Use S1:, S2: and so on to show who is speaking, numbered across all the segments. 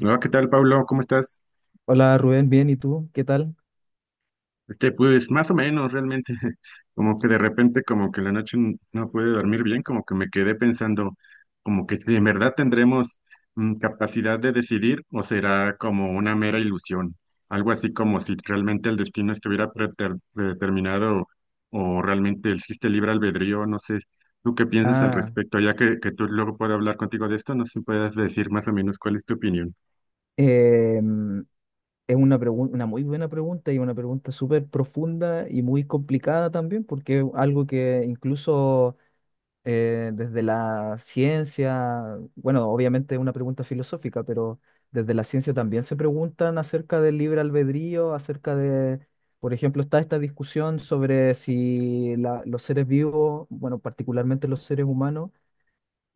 S1: Hola, ¿qué tal, Pablo? ¿Cómo estás?
S2: Hola Rubén, bien, ¿y tú? ¿Qué tal?
S1: Este, pues más o menos, realmente, como que de repente, como que no pude dormir bien, como que me quedé pensando, como que si en verdad tendremos capacidad de decidir o será como una mera ilusión, algo así como si realmente el destino estuviera predeterminado o realmente existe libre albedrío, no sé, ¿tú qué piensas al
S2: Ah,
S1: respecto? Ya que tú luego puedo hablar contigo de esto, no sé si puedas decir más o menos cuál es tu opinión.
S2: em, es una muy buena pregunta y una pregunta súper profunda y muy complicada también, porque es algo que incluso desde la ciencia, bueno, obviamente es una pregunta filosófica, pero desde la ciencia también se preguntan acerca del libre albedrío, acerca de, por ejemplo, está esta discusión sobre si los seres vivos, bueno, particularmente los seres humanos,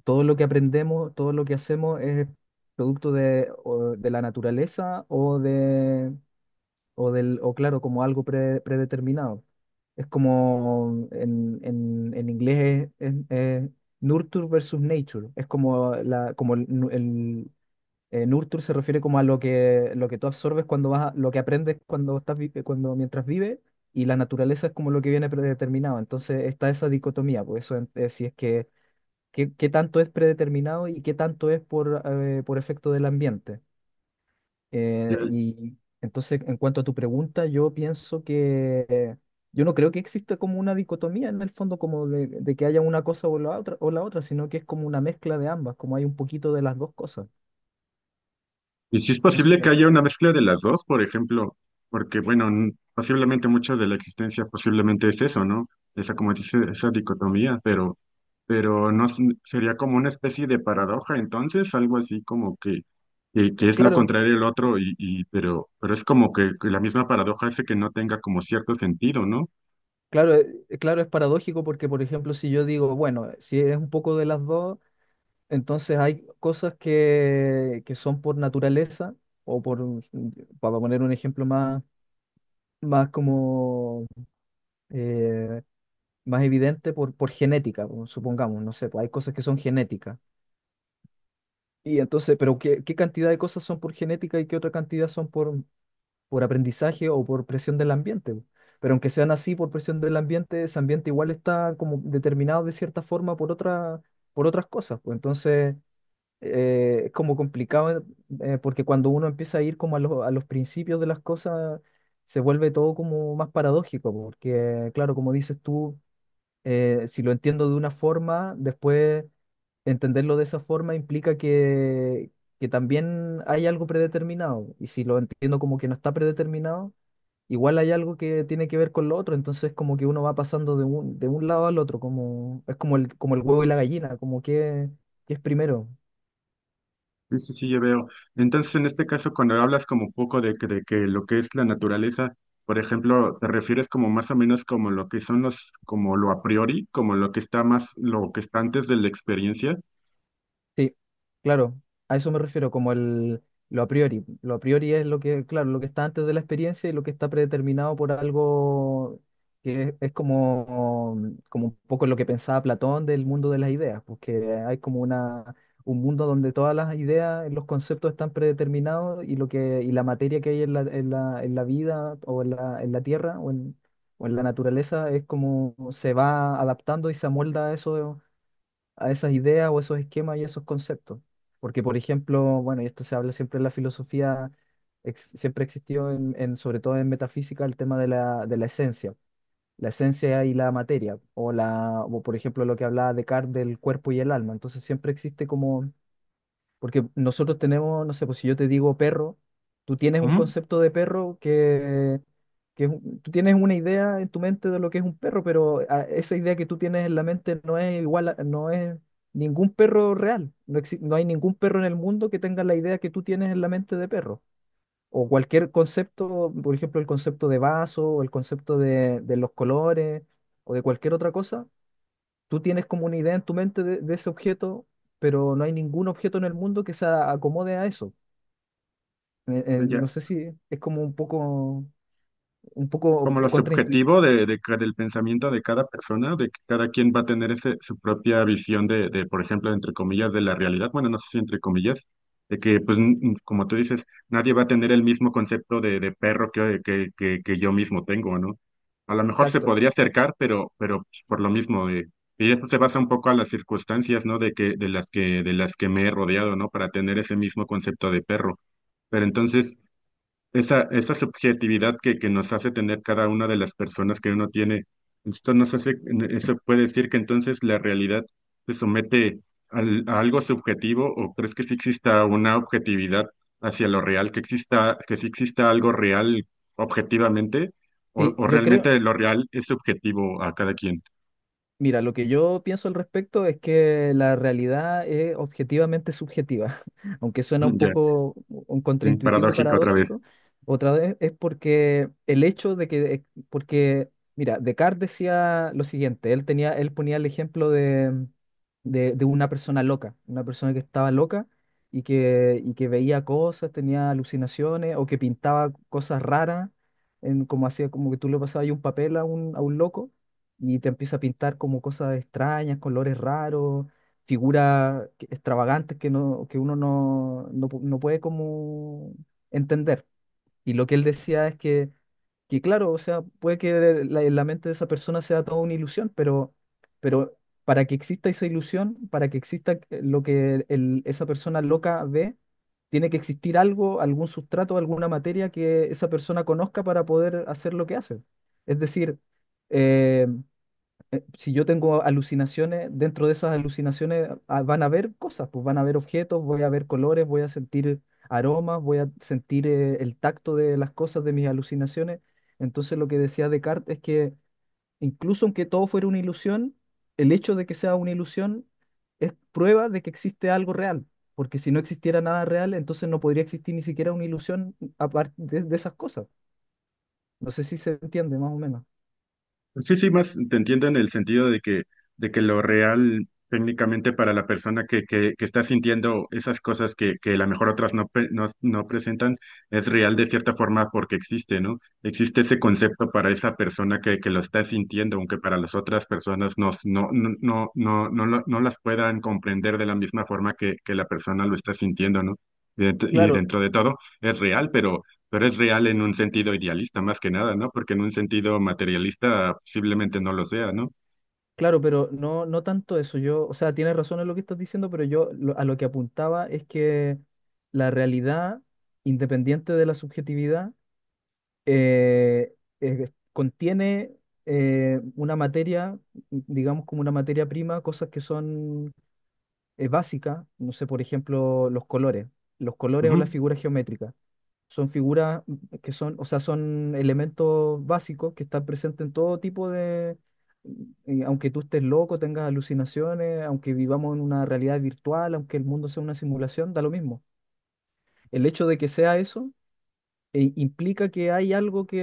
S2: todo lo que aprendemos, todo lo que hacemos es producto de, o de la naturaleza o de, o del, o claro, como algo predeterminado. Es como en inglés es nurture versus nature. Es como como el, nurture se refiere como a lo que tú absorbes cuando lo que aprendes cuando cuando mientras vives, y la naturaleza es como lo que viene predeterminado. Entonces está esa dicotomía, por eso si es que qué tanto es predeterminado y qué tanto es por efecto del ambiente.
S1: Ya.
S2: Y entonces, en cuanto a tu pregunta, yo pienso que yo no creo que exista como una dicotomía en el fondo, como de que haya una cosa o la otra, sino que es como una mezcla de ambas, como hay un poquito de las dos cosas,
S1: Y si es
S2: pienso
S1: posible que
S2: yo.
S1: haya una mezcla de las dos, por ejemplo, porque bueno, posiblemente mucho de la existencia posiblemente es eso, ¿no? Esa, como dice, esa dicotomía, pero no s- sería como una especie de paradoja, entonces, algo así como que es lo
S2: Claro,
S1: contrario al otro, pero es como que la misma paradoja hace que no tenga como cierto sentido, ¿no?
S2: claro, claro, es paradójico porque, por ejemplo, si yo digo, bueno, si es un poco de las dos, entonces hay cosas que son por naturaleza, o por, para poner un ejemplo más, más como eh, más evidente, por genética, o supongamos, no sé, pues hay cosas que son genéticas. Y entonces, pero ¿qué, qué cantidad de cosas son por genética y qué otra cantidad son por aprendizaje o por presión del ambiente? Po? Pero aunque sean así por presión del ambiente, ese ambiente igual está como determinado de cierta forma por otra, por otras cosas. Pues entonces, es como complicado porque cuando uno empieza a ir como los a los principios de las cosas, se vuelve todo como más paradójico, porque claro, como dices tú, si lo entiendo de una forma, después entenderlo de esa forma implica que también hay algo predeterminado, y si lo entiendo como que no está predeterminado, igual hay algo que tiene que ver con lo otro, entonces como que uno va pasando de de un lado al otro, como, es como como el huevo y la gallina, como que es primero.
S1: Sí, sí, sí, ya veo. Entonces, en este caso, cuando hablas como un poco de, de que lo que es la naturaleza, por ejemplo, te refieres como más o menos como lo que son los, como lo a priori, como lo que está más, lo que está antes de la experiencia.
S2: Sí, claro, a eso me refiero, como el lo a priori. Lo a priori es lo que, claro, lo que está antes de la experiencia y lo que está predeterminado por algo que es como, como un poco lo que pensaba Platón del mundo de las ideas, porque hay como un mundo donde todas las ideas, los conceptos están predeterminados y lo que, y la materia que hay en en la vida o en en la tierra o en la naturaleza es como se va adaptando y se amolda a eso a esas ideas o esos esquemas y esos conceptos. Porque, por ejemplo, bueno, y esto se habla siempre en la filosofía, siempre existió sobre todo en metafísica, el tema de de la esencia y la materia, o la, o por ejemplo lo que hablaba Descartes del cuerpo y el alma. Entonces siempre existe como porque nosotros tenemos, no sé, pues si yo te digo perro, tú tienes un
S1: Ujú.
S2: concepto de perro que, tú tienes una idea en tu mente de lo que es un perro, pero esa idea que tú tienes en la mente no es igual, no es ningún perro real. No hay ningún perro en el mundo que tenga la idea que tú tienes en la mente de perro. O cualquier concepto, por ejemplo, el concepto de vaso, o el concepto de los colores, o de cualquier otra cosa, tú tienes como una idea en tu mente de ese objeto, pero no hay ningún objeto en el mundo que acomode a eso. No
S1: Ya.
S2: sé si es como un poco
S1: Como lo
S2: contraintuitivo.
S1: subjetivo de, del pensamiento de cada persona, de que cada quien va a tener ese, su propia visión de, por ejemplo, entre comillas, de la realidad. Bueno, no sé si entre comillas, de que, pues, como tú dices, nadie va a tener el mismo concepto de perro que yo mismo tengo, ¿no? A lo mejor se
S2: Exacto.
S1: podría acercar, pero pues, por lo mismo, y eso se basa un poco a las circunstancias, ¿no? De que, de las que me he rodeado, ¿no? Para tener ese mismo concepto de perro. Pero entonces, esa subjetividad que nos hace tener cada una de las personas que uno tiene. Esto nos hace, eso puede decir que entonces la realidad se somete a algo subjetivo o crees que sí exista una objetividad hacia lo real, que exista, que sí exista algo real objetivamente
S2: Sí,
S1: o
S2: yo creo.
S1: realmente lo real es subjetivo a cada quien.
S2: Mira, lo que yo pienso al respecto es que la realidad es objetivamente subjetiva, aunque suena un
S1: Ya,
S2: poco un
S1: sí,
S2: contraintuitivo y
S1: paradójico otra vez.
S2: paradójico. Otra vez es porque el hecho de que, porque, mira, Descartes decía lo siguiente, él tenía, él ponía el ejemplo de, de una persona loca, una persona que estaba loca y que veía cosas, tenía alucinaciones o que pintaba cosas raras, en, como hacía, como que tú le pasabas ahí un papel a a un loco y te empieza a pintar como cosas extrañas, colores raros, extravagantes que, no, que uno no, no puede como entender. Y lo que él decía es que claro, o sea, puede que la mente de esa persona sea toda una ilusión, pero para que exista esa ilusión, para que exista lo esa persona loca ve, tiene que existir algo, algún sustrato, alguna materia que esa persona conozca para poder hacer lo que hace. Es decir, eh, si yo tengo alucinaciones, dentro de esas alucinaciones van a haber cosas, pues van a haber objetos, voy a ver colores, voy a sentir aromas, voy a sentir el tacto de las cosas de mis alucinaciones. Entonces lo que decía Descartes es que incluso aunque todo fuera una ilusión, el hecho de que sea una ilusión es prueba de que existe algo real, porque si no existiera nada real, entonces no podría existir ni siquiera una ilusión aparte de esas cosas. No sé si se entiende más o menos.
S1: Sí, sí, más te entiendo en el sentido de que lo real técnicamente para la persona que está sintiendo esas cosas que a lo mejor otras no, no presentan, es real de cierta forma porque existe, ¿no? Existe ese concepto para esa persona que lo está sintiendo, aunque para las otras personas no, no las puedan comprender de la misma forma que la persona lo está sintiendo, ¿no? Y
S2: Claro,
S1: dentro de todo es real, pero... Pero es real en un sentido idealista, más que nada, ¿no? Porque en un sentido materialista posiblemente no lo sea, ¿no?
S2: claro, pero no, no tanto eso. Yo, o sea, tienes razón en lo que estás diciendo, pero yo a lo que apuntaba es que la realidad, independiente de la subjetividad, contiene una materia, digamos como una materia prima, cosas que son es básica, no sé, por ejemplo, los colores o las
S1: Ujú.
S2: figuras geométricas. Son figuras que son, o sea, son elementos básicos que están presentes en todo tipo de, aunque tú estés loco, tengas alucinaciones, aunque vivamos en una realidad virtual, aunque el mundo sea una simulación, da lo mismo. El hecho de que sea eso, implica que hay algo que,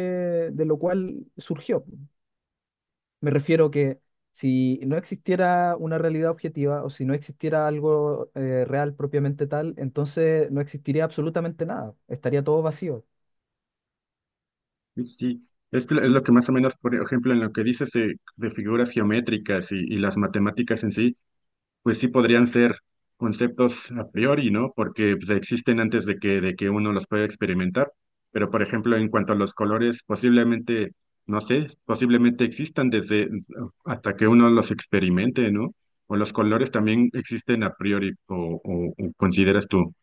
S2: de lo cual surgió. Me refiero que si no existiera una realidad objetiva o si no existiera algo real propiamente tal, entonces no existiría absolutamente nada, estaría todo vacío.
S1: Sí, sí. Es, que es lo que más o menos, por ejemplo, en lo que dices de figuras geométricas y las matemáticas en sí, pues sí podrían ser conceptos a priori, ¿no? Porque pues, existen antes de que uno los pueda experimentar. Pero, por ejemplo, en cuanto a los colores, posiblemente, no sé, posiblemente existan desde hasta que uno los experimente, ¿no? O los colores también existen a priori, o, o consideras tú.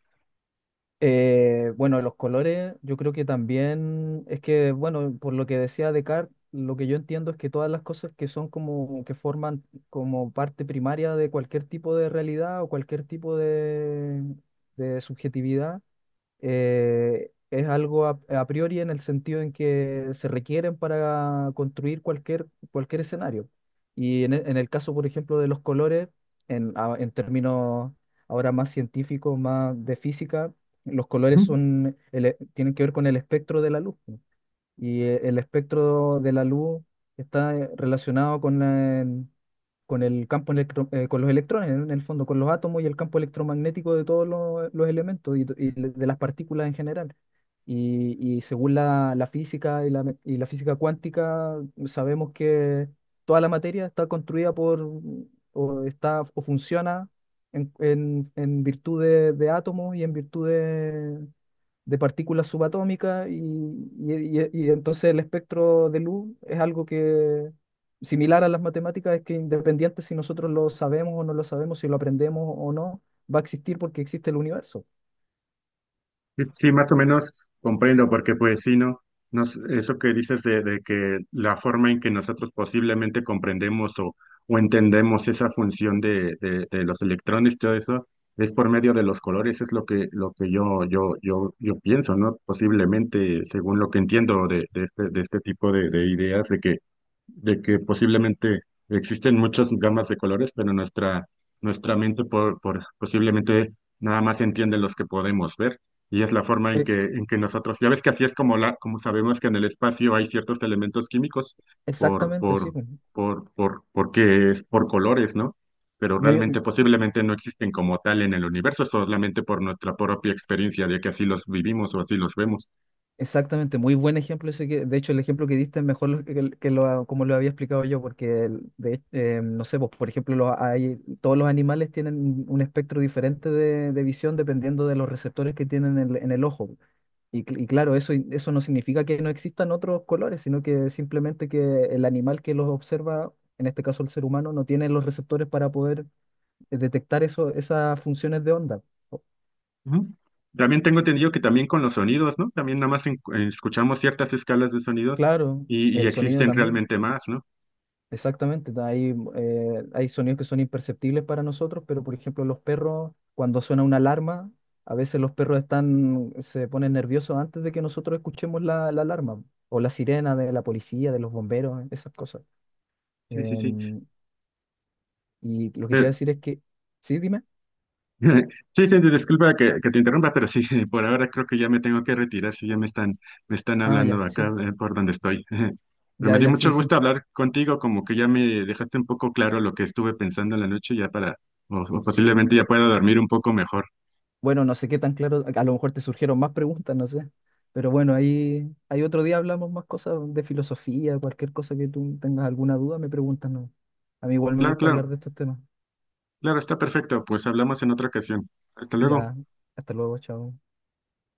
S2: Bueno, los colores, yo creo que también es que, bueno, por lo que decía Descartes, lo que yo entiendo es que todas las cosas que son como que forman como parte primaria de cualquier tipo de realidad o cualquier tipo de subjetividad es algo a priori en el sentido en que se requieren para construir cualquier, cualquier escenario. Y en, en el caso, por ejemplo, de los colores, en, en términos ahora más científicos, más de física, los colores son, tienen que ver con el espectro de la luz. El espectro de la luz está relacionado con el campo con los electrones, en el fondo, con los átomos y el campo electromagnético de todos los, elementos y, y de las partículas en general. Y según la física y y la física cuántica, sabemos que toda la materia está construida por, o está, o funciona en, en virtud de átomos y en virtud de partículas subatómicas y, y entonces el espectro de luz es algo que, similar a las matemáticas, es que independiente si nosotros lo sabemos o no lo sabemos, si lo aprendemos o no, va a existir porque existe el universo.
S1: Sí, sí, más o menos comprendo, porque pues sí, ¿no? Nos, eso que dices de que la forma en que nosotros posiblemente comprendemos o entendemos esa función de los electrones, y todo eso, es por medio de los colores, es lo que yo de que posiblemente existen muchas gamas de colores, pero nuestra, nuestra mente por, posiblemente nada más entiende los que podemos ver. Y es la forma
S2: Eh,
S1: en que nosotros, ya ves que así es como, la, como sabemos que en el espacio hay ciertos elementos químicos por,
S2: exactamente, sí.
S1: por,
S2: Pues.
S1: porque es por colores, ¿no? Pero
S2: Muy,
S1: realmente posiblemente no existen como tal en el universo, solamente por nuestra propia experiencia de que así los vivimos o así los vemos.
S2: Exactamente muy buen ejemplo ese que, de hecho, el ejemplo que diste es mejor que, que lo, como lo había explicado yo, porque no sé, pues, por ejemplo, hay, todos los animales tienen un espectro diferente de visión dependiendo de los receptores que tienen en el ojo. Y, y claro, eso no significa que no existan otros colores, sino que simplemente que el animal que los observa, en este caso el ser humano, no tiene los receptores para poder detectar esas funciones de onda.
S1: Ujú. También tengo entendido que también con los sonidos, ¿no? También nada más escuchamos ciertas escalas de sonidos
S2: Claro,
S1: y
S2: el sonido
S1: existen
S2: también.
S1: realmente más, ¿no?
S2: Exactamente, hay sonidos que son imperceptibles para nosotros, pero por ejemplo los perros, cuando suena una alarma, a veces los perros están, se ponen nerviosos antes de que nosotros escuchemos la alarma, o la sirena de la policía, de los bomberos, esas cosas.
S1: Sí, sí, sí.
S2: Em, y lo que te iba
S1: Pero,
S2: a decir es que, sí, dime,
S1: sí, sí, disculpa que te interrumpa, pero sí, por ahora creo que ya me tengo que retirar, si ya me están
S2: ah,
S1: hablando
S2: ya, sí,
S1: acá por donde estoy. Pero
S2: ya,
S1: me dio
S2: ya, sí,
S1: mucho
S2: sí,
S1: gusto hablar contigo, como que ya me dejaste un poco claro lo que estuve pensando en la noche, ya para, o
S2: sí.
S1: posiblemente ya pueda dormir un poco mejor.
S2: Bueno, no sé qué tan claro, a lo mejor te surgieron más preguntas, no sé. Pero bueno, ahí, ahí otro día hablamos más cosas de filosofía, cualquier cosa que tú tengas alguna duda, me preguntas, ¿no? A mí igual me
S1: Claro,
S2: gusta hablar
S1: claro,
S2: de estos temas.
S1: claro, está perfecto, pues hablamos en otra ocasión. Hasta luego.
S2: Ya, hasta luego, chao.